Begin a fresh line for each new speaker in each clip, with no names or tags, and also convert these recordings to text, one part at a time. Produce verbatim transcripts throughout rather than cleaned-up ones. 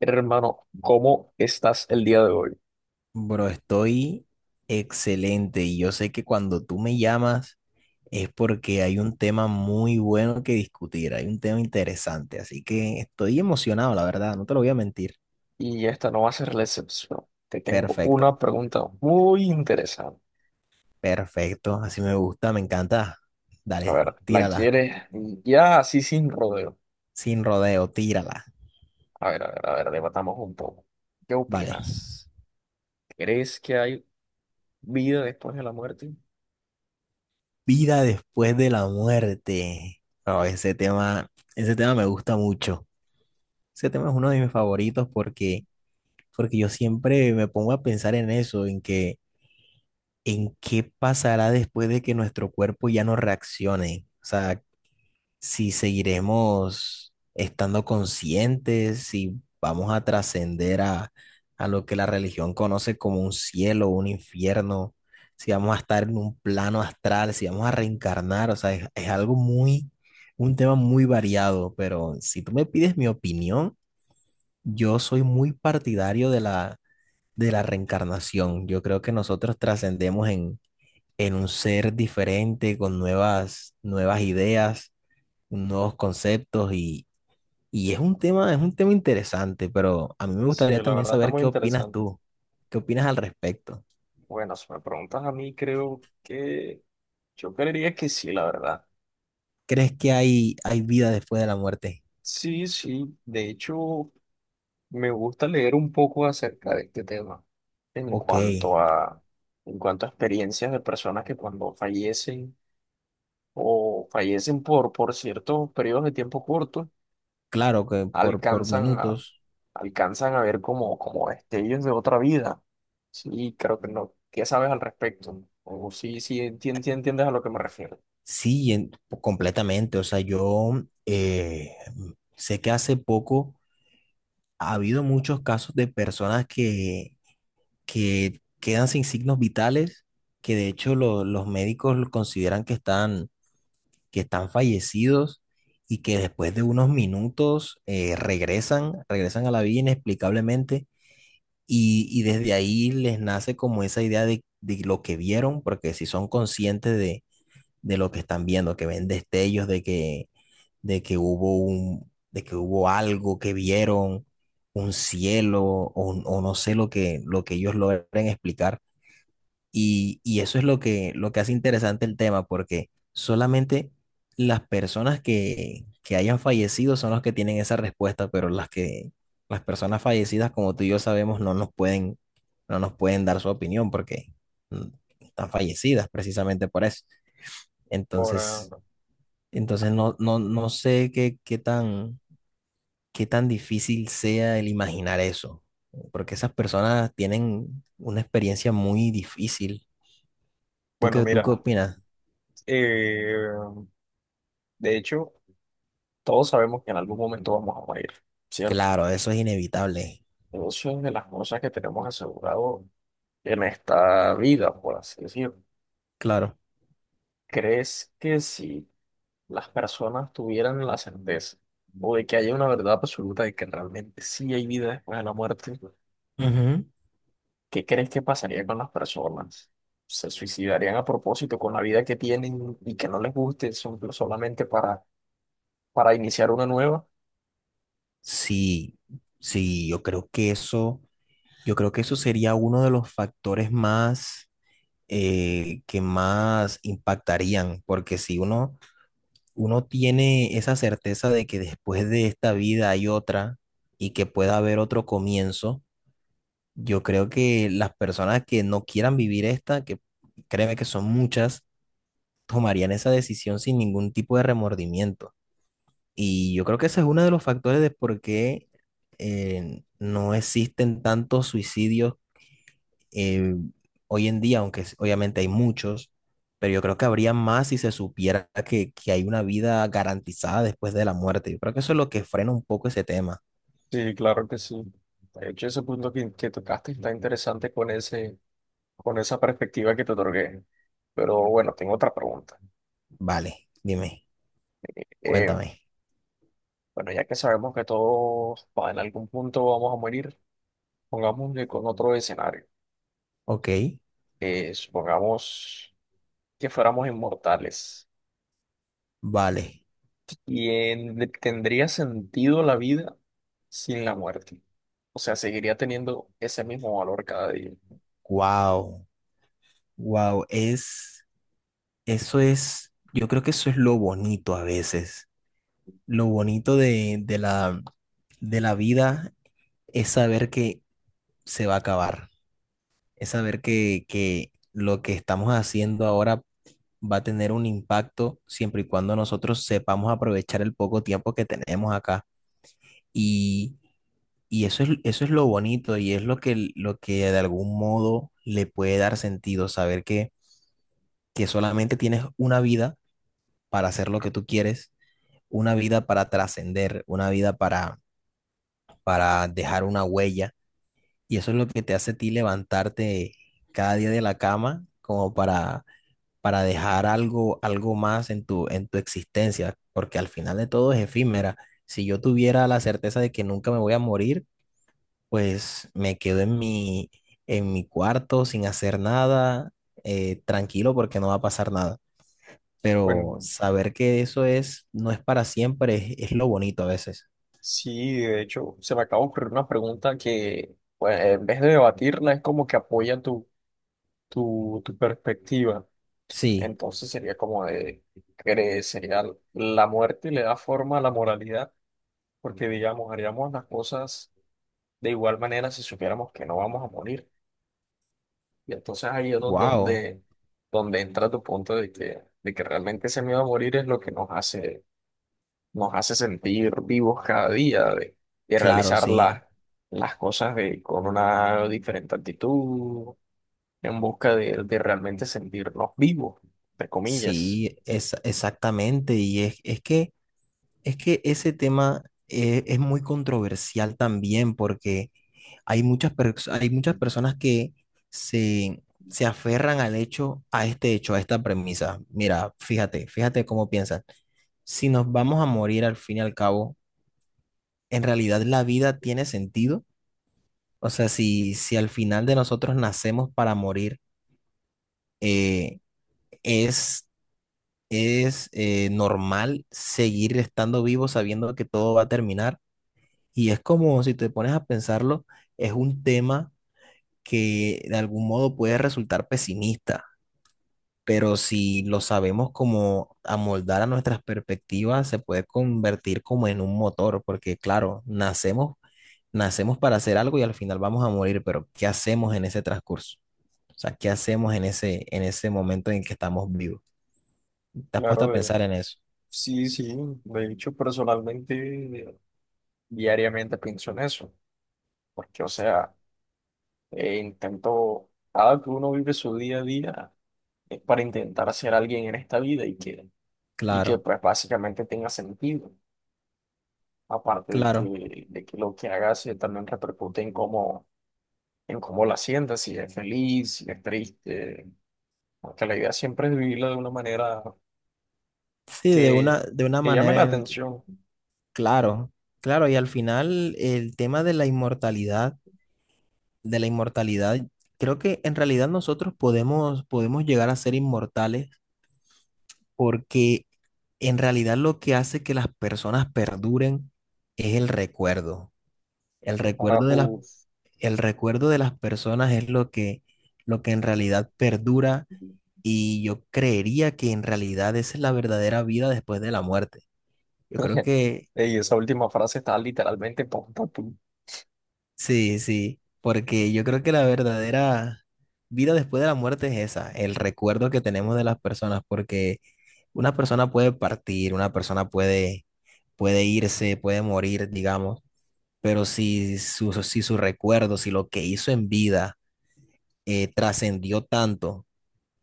Hermano, ¿cómo estás el día de hoy?
Bro, estoy excelente y yo sé que cuando tú me llamas es porque hay un tema muy bueno que discutir, hay un tema interesante, así que estoy emocionado, la verdad, no te lo voy a mentir.
Y esta no va a ser la excepción. Te tengo una
Perfecto,
pregunta muy interesante.
perfecto, así me gusta, me encanta.
A ver,
Dale,
¿la
tírala,
quieres ya así sin rodeo?
sin rodeo, tírala.
A ver, a ver, a ver, debatamos un poco. ¿Qué
Vale,
opinas? ¿Crees que hay vida después de la muerte?
vida después de la muerte. Bro, ese tema, ese tema me gusta mucho. Ese tema es uno de mis favoritos porque, porque yo siempre me pongo a pensar en eso, en que ¿en qué pasará después de que nuestro cuerpo ya no reaccione? O sea, si seguiremos estando conscientes, si vamos a trascender a, a lo que la religión conoce como un cielo, un infierno, si vamos a estar en un plano astral, si vamos a reencarnar, o sea, es, es algo muy, un tema muy variado, pero si tú me pides mi opinión, yo soy muy partidario de la... de la reencarnación. Yo creo que nosotros trascendemos en, en un ser diferente, con nuevas, nuevas ideas, nuevos conceptos y, y es un tema, es un tema interesante, pero a mí me
Sí,
gustaría
la
también
verdad está
saber
muy
qué opinas
interesante.
tú, qué opinas al respecto.
Bueno, si me preguntas a mí, creo que yo creería que sí, la verdad.
¿Crees que hay, hay vida después de la muerte?
Sí, sí. De hecho, me gusta leer un poco acerca de este tema en
Ok,
cuanto a, en cuanto a experiencias de personas que cuando fallecen o fallecen por, por ciertos periodos de tiempo cortos,
claro que por, por
alcanzan a,
minutos,
alcanzan a ver como, como destellos de otra vida. Sí, creo que no. ¿Qué sabes al respecto? O sí, sí, entien- sí entiendes a lo que me refiero.
sí, en- completamente. O sea, yo eh, sé que hace poco ha habido muchos casos de personas que que quedan sin signos vitales, que de hecho lo- los médicos lo consideran que están, que están fallecidos y que después de unos minutos eh, regresan, regresan a la vida inexplicablemente y, y desde ahí les nace como esa idea de, de lo que vieron, porque si son conscientes de, de lo que están viendo, que ven destellos de que, de que hubo un, de que hubo algo que vieron. Un cielo o, o no sé lo que, lo que ellos logren explicar, y, y eso es lo que, lo que hace interesante el tema, porque solamente las personas que, que hayan fallecido son los que tienen esa respuesta, pero las que, las personas fallecidas, como tú y yo sabemos, no nos pueden, no nos pueden dar su opinión porque mm, están fallecidas precisamente por eso.
Ahora,
Entonces, entonces no, no, no sé qué, qué tan, qué tan difícil sea el imaginar eso, porque esas personas tienen una experiencia muy difícil. ¿Tú
bueno,
qué, tú qué
mira,
opinas?
eh, de hecho, todos sabemos que en algún momento vamos a morir, ¿cierto?
Claro, eso es inevitable.
Eso es de las cosas que tenemos asegurado en esta vida, por así decirlo.
Claro.
¿Crees que si las personas tuvieran la certeza o de que haya una verdad absoluta de que realmente sí hay vida después de la muerte,
Ujú.
qué crees que pasaría con las personas? ¿Se suicidarían a propósito con la vida que tienen y que no les guste son- solamente para, para iniciar una nueva?
Sí, sí, yo creo que eso, yo creo que eso sería uno de los factores más eh, que más impactarían, porque si uno, uno tiene esa certeza de que después de esta vida hay otra y que pueda haber otro comienzo, yo creo que las personas que no quieran vivir esta, que créeme que son muchas, tomarían esa decisión sin ningún tipo de remordimiento. Y yo creo que ese es uno de los factores de por qué eh, no existen tantos suicidios eh, hoy en día, aunque s- obviamente hay muchos, pero yo creo que habría más si se supiera que, que hay una vida garantizada después de la muerte. Yo creo que eso es lo que frena un poco ese tema.
Sí, claro que sí. De hecho, ese punto que, que tocaste está interesante con ese con esa perspectiva que te otorgué. Pero bueno, tengo otra pregunta.
Vale, dime,
Eh,
cuéntame.
bueno, ya que sabemos que todos va, en algún punto vamos a morir, pongámosle con otro escenario.
Ok,
Eh, supongamos que fuéramos inmortales.
vale.
¿Y en- tendría sentido la vida sin la muerte? O sea, seguiría teniendo ese mismo valor cada día.
Wow, wow, es, eso es, yo creo que eso es lo bonito a veces, lo bonito de, de la, de la vida es saber que se va a acabar, es saber que, que lo que estamos haciendo ahora va a tener un impacto siempre y cuando nosotros sepamos aprovechar el poco tiempo que tenemos acá. Y, y eso es, eso es lo bonito y es lo que, lo que de algún modo le puede dar sentido, saber que, que solamente tienes una vida para hacer lo que tú quieres, una vida para trascender, una vida para, para dejar una huella. Y eso es lo que te hace a ti levantarte cada día de la cama como para, para dejar algo, algo más en tu, en tu existencia, porque al final de todo es efímera. Si yo tuviera la certeza de que nunca me voy a morir, pues me quedo en mi, en mi cuarto sin hacer nada, eh, tranquilo porque no va a pasar nada.
Bueno,
Pero saber que eso es, no es para siempre, es, es lo bonito a veces.
sí, de hecho, se me acaba de ocurrir una pregunta que, pues, en vez de debatirla, es como que apoya tu, tu, tu perspectiva.
Sí,
Entonces sería como de, cre- sería la muerte y le da forma a la moralidad, porque digamos, haríamos las cosas de igual manera si supiéramos que no vamos a morir. Y entonces ahí es don-
wow,
donde, donde entra tu punto de que, de que realmente ese miedo a morir es lo que nos hace, nos hace sentir vivos cada día, de, de
claro,
realizar las
sí.
las cosas de, con una diferente actitud, en busca de, de realmente sentirnos vivos, entre comillas.
Sí, es, exactamente. Y es, es que, es que ese tema eh, es muy controversial también porque hay muchas, pers- hay muchas personas que se, se aferran al hecho, a este hecho, a esta premisa. Mira, fíjate, fíjate cómo piensan. Si nos vamos a morir al fin y al cabo, ¿en realidad la vida tiene sentido? O sea, si, si al final de nosotros nacemos para morir, eh, es eh, normal seguir estando vivo sabiendo que todo va a terminar. Y es como, si te pones a pensarlo, es un tema que de algún modo puede resultar pesimista, pero si lo sabemos como amoldar a nuestras perspectivas, se puede convertir como en un motor, porque claro, nacemos, nacemos para hacer algo y al final vamos a morir, pero ¿qué hacemos en ese transcurso? O sea, ¿qué hacemos en ese, en ese momento en que estamos vivos? ¿Te has puesto a
Claro,
pensar en eso?
sí, sí, de hecho personalmente diariamente pienso en eso, porque o sea, eh, intento, cada que uno vive su día a día es para intentar ser alguien en esta vida y que, y que
Claro,
pues básicamente tenga sentido, aparte de
claro.
que, de que lo que hagas se también repercute en cómo, en cómo la sientas, si es feliz, si es triste, porque la idea siempre es vivirla de una manera
Sí, de una,
que,
de una
que llame la
manera en el que,
atención.
claro, claro, y al final el tema de la inmortalidad, de la inmortalidad, creo que en realidad nosotros podemos, podemos llegar a ser inmortales porque en realidad lo que hace que las personas perduren es el recuerdo. El
Ah,
recuerdo de las,
uf.
el recuerdo de las personas es lo que, lo que en realidad perdura y yo creería que en realidad esa es la verdadera vida después de la muerte. Yo creo que
Y esa última frase está literalmente pum, pum, pum.
sí, sí, porque yo creo que la verdadera vida después de la muerte es esa, el recuerdo que tenemos de las personas, porque una persona puede partir, una persona puede, puede irse, puede morir, digamos, pero si su, si su recuerdo, si lo que hizo en vida eh, trascendió tanto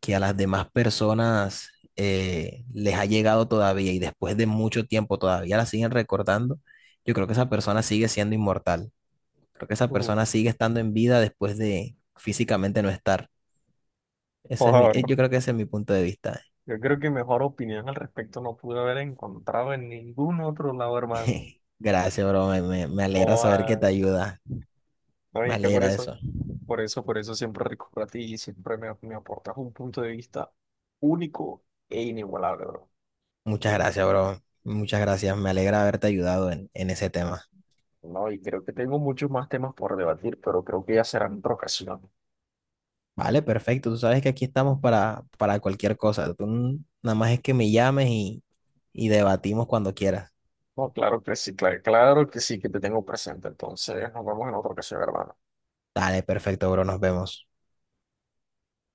que a las demás personas eh, les ha llegado todavía y después de mucho tiempo todavía la siguen recordando, yo creo que esa persona sigue siendo inmortal. Creo que esa persona
Uf,
sigue estando en vida después de físicamente no estar. Ese es mi,
joder,
eh,
bro.
yo creo que ese es mi punto de vista.
Yo creo que mejor opinión al respecto no pude haber encontrado en ningún otro lado, hermano.
Gracias, bro. Me, me- me alegra saber que te
Joda.
ayuda.
No,
Me
y que por
alegra
eso,
eso.
por eso, por eso siempre recurro a ti y siempre me, me aportas un punto de vista único e inigualable, bro.
Muchas gracias, bro. Muchas gracias. Me alegra haberte ayudado en, en ese tema.
No, y creo que tengo muchos más temas por debatir, pero creo que ya será en otra ocasión.
Vale, perfecto. Tú sabes que aquí estamos para, para cualquier cosa. Tú n- nada más es que me llames y, y debatimos cuando quieras.
No, claro que sí, claro, claro que sí, que te tengo presente. Entonces, nos vemos en otra ocasión, hermano.
Dale, perfecto, bro. Nos vemos.